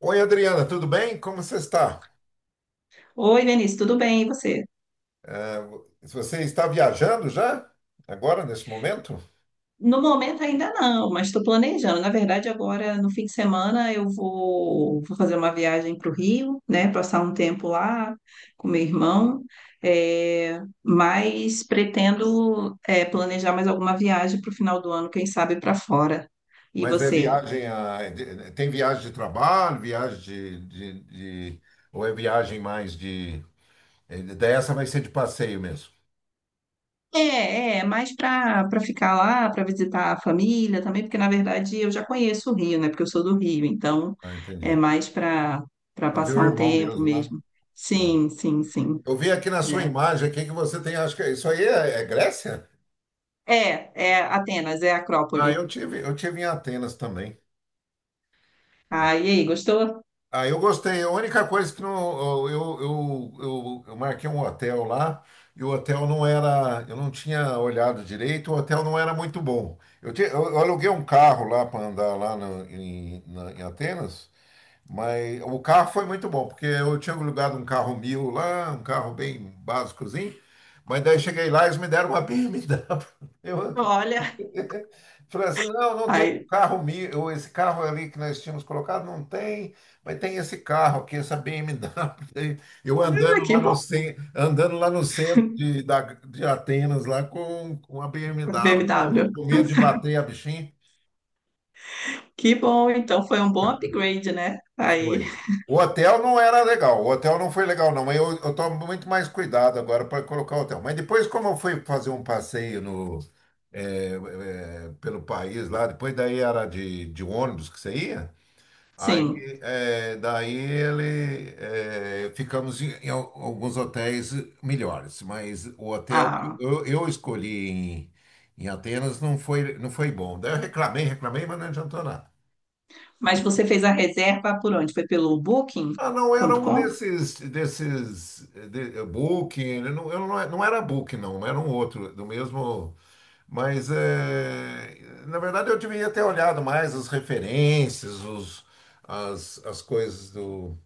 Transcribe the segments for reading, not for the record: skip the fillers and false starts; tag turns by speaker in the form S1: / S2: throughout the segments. S1: Oi, Adriana, tudo bem? Como você está?
S2: Oi, Vinícius, tudo bem? E você?
S1: É, você está viajando já? Agora, nesse momento?
S2: No momento ainda não, mas estou planejando. Na verdade, agora no fim de semana eu vou fazer uma viagem para o Rio, né? Passar um tempo lá com meu irmão, mas pretendo planejar mais alguma viagem para o final do ano, quem sabe para fora. E
S1: Mas é
S2: você?
S1: viagem tem viagem de trabalho, viagem de- ou é viagem mais de dessa vai ser de passeio mesmo.
S2: Mais para ficar lá, para visitar a família também, porque na verdade eu já conheço o Rio, né? Porque eu sou do Rio, então
S1: Ah, entendi.
S2: é mais para
S1: Para ver
S2: passar
S1: o
S2: um
S1: irmão
S2: tempo
S1: mesmo, né?
S2: mesmo.
S1: Ah.
S2: Sim, sim, sim.
S1: Eu vi aqui na sua
S2: É,
S1: imagem aqui que você tem, acho que isso aí é Grécia?
S2: é Atenas, é
S1: Ah,
S2: Acrópole.
S1: eu tive em Atenas também.
S2: Ah, e aí, gostou?
S1: Ah, eu gostei. A única coisa que não, eu marquei um hotel lá e o hotel não era, eu não tinha olhado direito, o hotel não era muito bom. Eu aluguei um carro lá para andar lá em Atenas, mas o carro foi muito bom, porque eu tinha alugado um carro mil lá, um carro bem básicozinho, mas daí cheguei lá e eles me deram uma BMW.
S2: Olha,
S1: Falei assim, não, não tem
S2: aí,
S1: carro meu, ou esse carro ali que nós tínhamos colocado, não tem, mas tem esse carro aqui, essa BMW. Eu
S2: ah,
S1: andando
S2: que
S1: lá
S2: bom,
S1: andando lá no centro de Atenas, lá com a BMW,
S2: BMW.
S1: com medo de bater a bichinha.
S2: Que bom, então foi um bom upgrade, né? Aí,
S1: Foi. O hotel não era legal, o hotel não foi legal, não. Mas eu tomo muito mais cuidado agora para colocar o hotel. Mas depois, como eu fui fazer um passeio no, pelo país lá, depois daí era de ônibus que você ia.
S2: sim.
S1: Aí, daí ele, ficamos em, em alguns hotéis melhores, mas o hotel que
S2: Ah,
S1: eu escolhi em, em Atenas não foi, não foi bom. Daí eu reclamei, reclamei, mas não adiantou nada.
S2: mas você fez a reserva por onde? Foi pelo
S1: Ah, não, era um
S2: Booking.com?
S1: desses, Booking, eu não, não era Booking, não, era um outro, do mesmo, mas, na verdade, eu devia ter olhado mais as referências, as coisas do...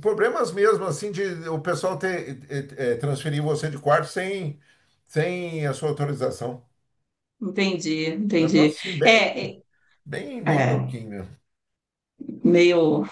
S1: Problemas mesmo, assim, de o pessoal ter, transferir você de quarto sem, sem a sua autorização.
S2: Entendi, entendi.
S1: Negócio, assim,
S2: É, é,
S1: bem
S2: é,
S1: louquinho.
S2: meio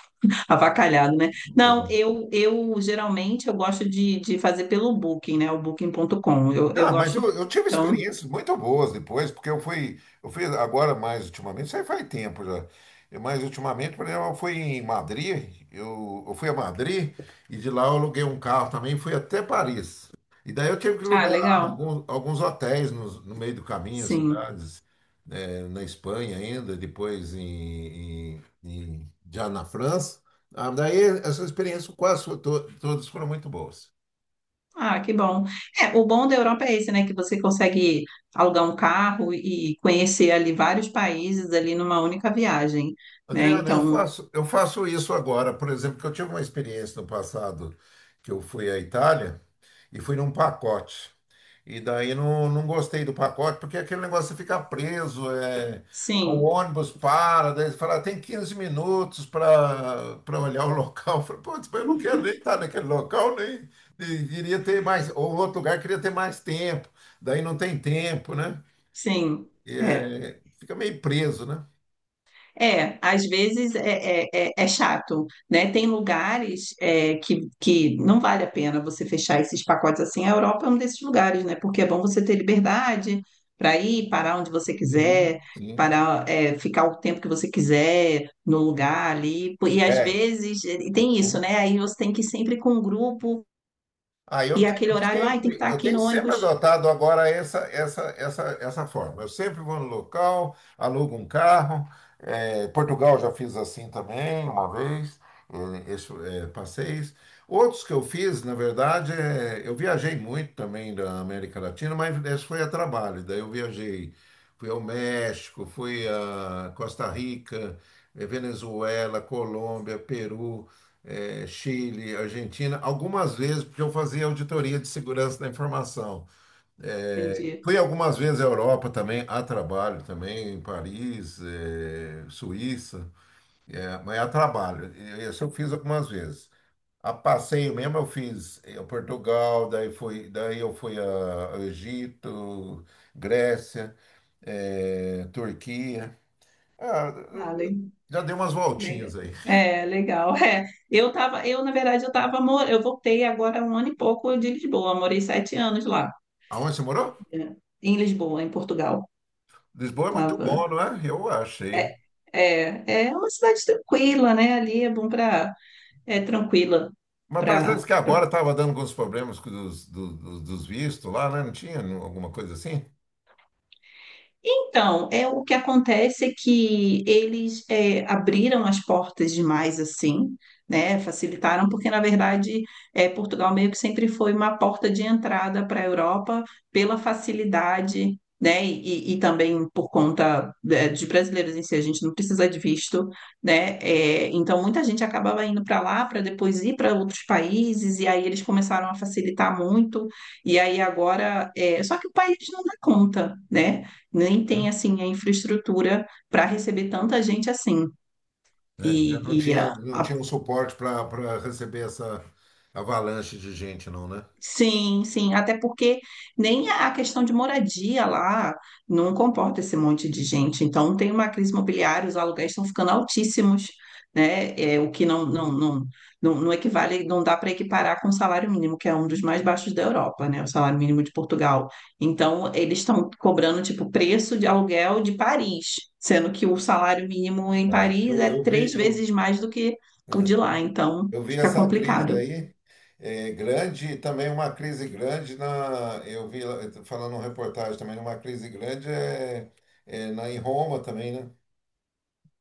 S2: avacalhado, né? Não,
S1: É.
S2: eu geralmente eu gosto de fazer pelo Booking, né? O Booking.com. Eu
S1: Não, mas
S2: gosto muito.
S1: eu tive
S2: Então,
S1: experiências muito boas depois, porque eu fui agora mais ultimamente, isso aí faz tempo já. Mas ultimamente, por exemplo, eu fui em Madrid, eu fui a Madrid e de lá eu aluguei um carro também, e fui até Paris. E daí eu tive que
S2: ah,
S1: alugar
S2: legal.
S1: alguns hotéis no meio do caminho, as
S2: Sim.
S1: cidades, né, na Espanha ainda, depois já na França. Ah, daí essas experiências quase todas foram muito boas.
S2: Ah, que bom. É, o bom da Europa é esse, né? Que você consegue alugar um carro e conhecer ali vários países ali numa única viagem, né?
S1: Adriana,
S2: Então,
S1: eu faço isso agora, por exemplo, que eu tive uma experiência no passado que eu fui à Itália e fui num pacote. E daí não gostei do pacote, porque é aquele negócio de ficar preso, o
S2: sim,
S1: ônibus para, daí eles falam, "Ah, tem 15 minutos para olhar o local." Eu falei, putz, mas eu não quero nem estar naquele local, nem, nem queria ter mais, ou outro lugar queria ter mais tempo, daí não tem tempo, né?
S2: sim. É.
S1: Fica meio preso, né?
S2: É, às vezes é chato, né? Tem lugares que não vale a pena você fechar esses pacotes assim. A Europa é um desses lugares, né? Porque é bom você ter liberdade para ir, parar onde você
S1: Sim,
S2: quiser,
S1: sim.
S2: parar, ficar o tempo que você quiser no lugar ali. E às
S1: É.
S2: vezes e tem
S1: Né?
S2: isso, né? Aí você tem que ir sempre com um grupo
S1: Aí
S2: e aquele horário, ai, tem que estar
S1: eu
S2: aqui
S1: tenho
S2: no
S1: sempre
S2: ônibus.
S1: adotado agora essa forma. Eu sempre vou no local, alugo um carro. Portugal já fiz assim também uma vez, passeios. Outros que eu fiz, na verdade, eu viajei muito também da América Latina, mas esse foi a trabalho. Daí eu viajei, fui ao México, fui a Costa Rica, Venezuela, Colômbia, Peru, Chile, Argentina, algumas vezes, porque eu fazia auditoria de segurança da informação.
S2: Entendi.
S1: Fui algumas vezes à Europa também, a trabalho também, em Paris, Suíça, mas a trabalho. E isso eu fiz algumas vezes. A passeio mesmo eu fiz, Portugal, daí eu fui ao Egito, Grécia, Turquia. Ah,
S2: Ah,
S1: já dei umas
S2: legal.
S1: voltinhas aí.
S2: É, legal. É. Na verdade, eu voltei agora há um ano e pouco de Lisboa, morei 7 anos lá,
S1: Aonde você morou?
S2: né, em Lisboa, em Portugal.
S1: Lisboa é muito
S2: Tava.
S1: bom, não é? Eu achei.
S2: É, é uma cidade tranquila, né? Ali é bom para, é tranquila
S1: Mas parece
S2: para.
S1: que agora estava dando alguns problemas com dos vistos lá, né? Não tinha não- alguma coisa assim?
S2: Então, é o que acontece é que eles abriram as portas demais assim, né? Facilitaram, porque na verdade Portugal meio que sempre foi uma porta de entrada para a Europa pela facilidade, né? E também por conta de brasileiros em si, a gente não precisa de visto, né? É, então muita gente acabava indo para lá para depois ir para outros países e aí eles começaram a facilitar muito e aí agora, é, só que o país não dá conta, né? Nem tem
S1: Hum?
S2: assim a infraestrutura para receber tanta gente assim.
S1: Né? Não
S2: E
S1: tinha,
S2: a
S1: um suporte para receber essa avalanche de gente, não, né?
S2: sim, sim, até porque nem a questão de moradia lá não comporta esse monte de gente. Então tem uma crise imobiliária, os aluguéis estão ficando altíssimos, né? É, o que não equivale, não dá para equiparar com o salário mínimo, que é um dos mais baixos da Europa, né? O salário mínimo de Portugal. Então eles estão cobrando tipo preço de aluguel de Paris, sendo que o salário mínimo em
S1: Tá.
S2: Paris é três vezes mais do que o de
S1: É,
S2: lá. Então
S1: eu vi
S2: fica
S1: essa crise
S2: complicado.
S1: aí, grande, e também uma crise grande na. Eu vi lá, eu tô falando uma reportagem também, uma crise grande em Roma também, né?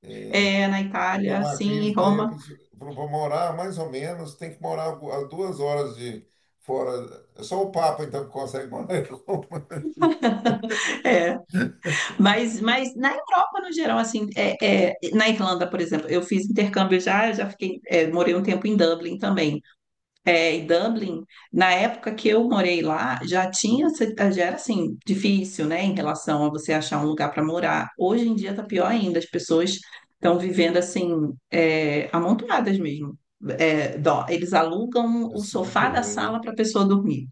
S1: É,
S2: Na
S1: tem
S2: Itália,
S1: uma
S2: sim,
S1: crise
S2: em
S1: daí, a
S2: Roma,
S1: pessoa falou, para morar mais ou menos, tem que morar a 2 horas de fora. É só o Papa, então, que consegue morar em Roma.
S2: é. Mas na Europa, no geral, assim, na Irlanda, por exemplo, eu fiz intercâmbio já, eu já fiquei, é, morei um tempo em Dublin também. É, e Dublin, na época que eu morei lá, já tinha, já era, assim, difícil, né, em relação a você achar um lugar para morar. Hoje em dia tá pior ainda, as pessoas estão vivendo, assim, é, amontoadas mesmo. É, dó- eles alugam o
S1: Nossa, é muito
S2: sofá da
S1: ruim, né?
S2: sala para a pessoa dormir.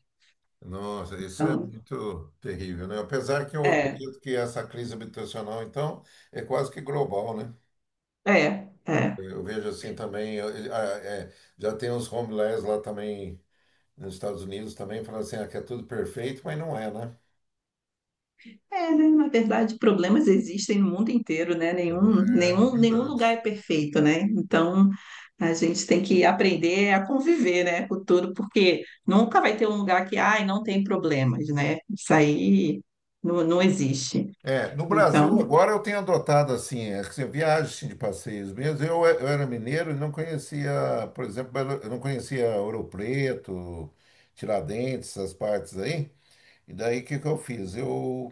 S1: Nossa, isso é
S2: Então,
S1: muito terrível, né? Apesar que eu
S2: é,
S1: acredito que essa crise habitacional, então, é quase que global, né?
S2: é. É.
S1: Eu vejo assim também, é, já tem uns homeless lá também, nos Estados Unidos também, falando assim, ah, que é tudo perfeito, mas não é, né?
S2: É, né? Na verdade, problemas existem no mundo inteiro, né?
S1: É
S2: Nenhum lugar
S1: verdade.
S2: é perfeito, né? Então, a gente tem que aprender a conviver, né, com tudo, porque nunca vai ter um lugar que, ai, não tem problemas, né? Isso aí não, não existe.
S1: É, no Brasil
S2: Então,
S1: agora eu tenho adotado assim, que você viaja assim, de passeios mesmo. Eu era mineiro e não conhecia, por exemplo, eu não conhecia Ouro Preto, Tiradentes, essas partes aí. E daí o que que eu fiz? Eu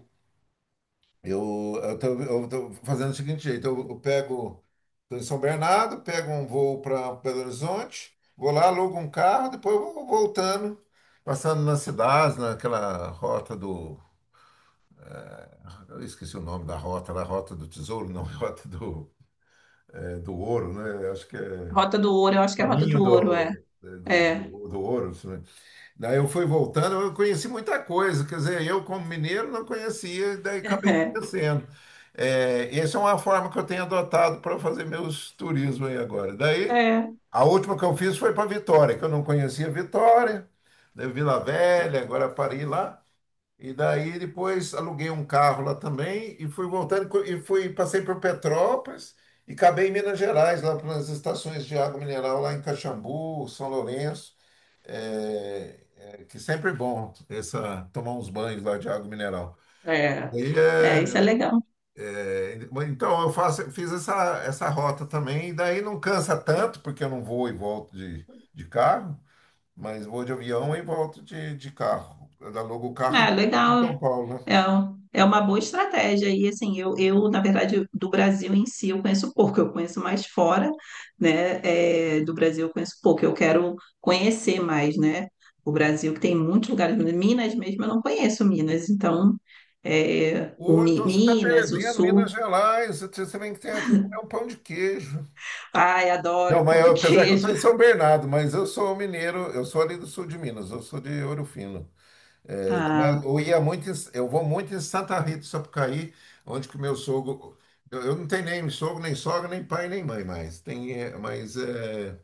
S1: eu eu tô, Eu tô fazendo o seguinte jeito, eu pego tô em São Bernardo, pego um voo para Belo Horizonte, vou lá, alugo um carro, depois eu vou voltando, passando nas cidades, naquela rota. Eu esqueci o nome da rota, do tesouro, não, rota do, do ouro, né? Acho que é
S2: Rota do Ouro, eu acho que é a Rota
S1: caminho
S2: do Ouro, é.
S1: do, é, do, do,
S2: É,
S1: do ouro. Né? Daí eu fui voltando, eu conheci muita coisa, quer dizer, eu como mineiro não conhecia, daí acabei conhecendo. É, essa é uma forma que eu tenho adotado para fazer meus turismos aí agora. Daí,
S2: é,
S1: a última que eu fiz foi para Vitória, que eu não conhecia Vitória, daí Vila Velha, agora parei lá. E daí depois aluguei um carro lá também e fui voltando, co- e fui passei por Petrópolis e acabei em Minas Gerais, lá pelas estações de água mineral lá em Caxambu, São Lourenço, que sempre é bom essa tomar uns banhos lá de água mineral.
S2: é, é.
S1: E,
S2: É, isso é
S1: é,
S2: legal.
S1: é, então fiz essa rota também e daí não cansa tanto porque eu não vou e volto de carro, mas vou de avião e volto de carro. Eu alugo o carro
S2: É,
S1: em
S2: legal.
S1: São Paulo, né?
S2: É, um- é uma boa estratégia. E assim, eu, na verdade, do Brasil em si eu conheço pouco, eu conheço mais fora, né? É, do Brasil eu conheço pouco, eu quero conhecer mais, né? O Brasil que tem muitos lugares, Minas mesmo, eu não conheço Minas, então é, o
S1: Ou
S2: Mi-
S1: então você está
S2: Minas, o
S1: perdendo
S2: Sul.
S1: Minas Gerais, você vem que tem aqui comer um pão de queijo.
S2: Ai,
S1: Não,
S2: adoro pão
S1: mas
S2: de
S1: apesar que eu estou
S2: queijo.
S1: em São Bernardo, mas eu sou mineiro, eu sou ali do sul de Minas, eu sou de Ouro Fino, né?
S2: Ah,
S1: Eu ia muito, eu vou muito em Santa Rita do Sapucaí, onde que o meu sogro, eu não tenho nem sogro, nem sogra, nem pai, nem mãe mais. Tem, eh, mas eh,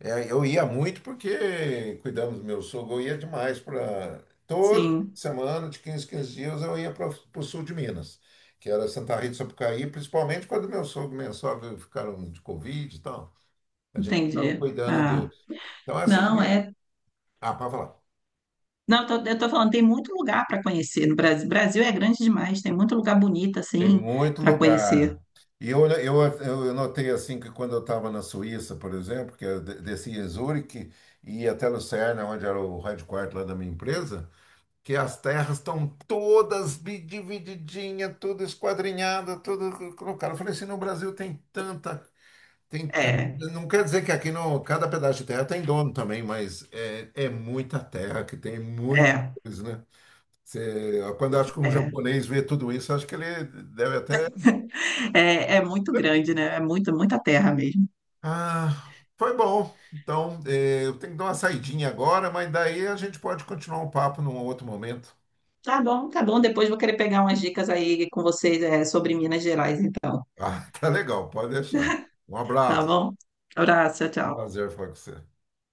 S1: eh, eu ia muito porque cuidamos do meu sogro, eu ia demais para todo fim
S2: sim,
S1: de semana, de 15, 15 dias, eu ia para o sul de Minas, que era Santa Rita do Sapucaí, principalmente quando meu sogro e minha sogra ficaram de Covid e tal. A gente estava
S2: entendi.
S1: cuidando
S2: Ah,
S1: deles. Então essas
S2: não,
S1: vias.
S2: é
S1: Ah, para falar.
S2: não, eu tô falando, tem muito lugar para conhecer no Brasil. Brasil é grande demais, tem muito lugar bonito
S1: Tem
S2: assim
S1: muito
S2: para conhecer.
S1: lugar. E eu eu notei assim que quando eu estava na Suíça, por exemplo, que eu descia em Zurique e ia até Lucerna, onde era o headquarter lá da minha empresa, que as terras estão todas divididinha, tudo esquadrinhada, tudo colocado. Eu falei assim, no Brasil tem tanta, tem tanta.
S2: É,
S1: Não quer dizer que aqui no cada pedaço de terra tem dono também, mas é muita terra que tem muita
S2: é,
S1: coisa, né? Quando eu acho que um
S2: é.
S1: japonês vê tudo isso, acho que ele deve até.
S2: É, é muito grande, né? É muito, muita terra mesmo.
S1: Ah, foi bom. Então, eu tenho que dar uma saidinha agora, mas daí a gente pode continuar o papo num outro momento.
S2: Tá bom, tá bom. Depois vou querer pegar umas dicas aí com vocês, é, sobre Minas Gerais, então.
S1: Ah, tá legal, pode deixar. Um
S2: Tá
S1: abraço.
S2: bom? Abraço, tchau, tchau.
S1: Prazer falar com você.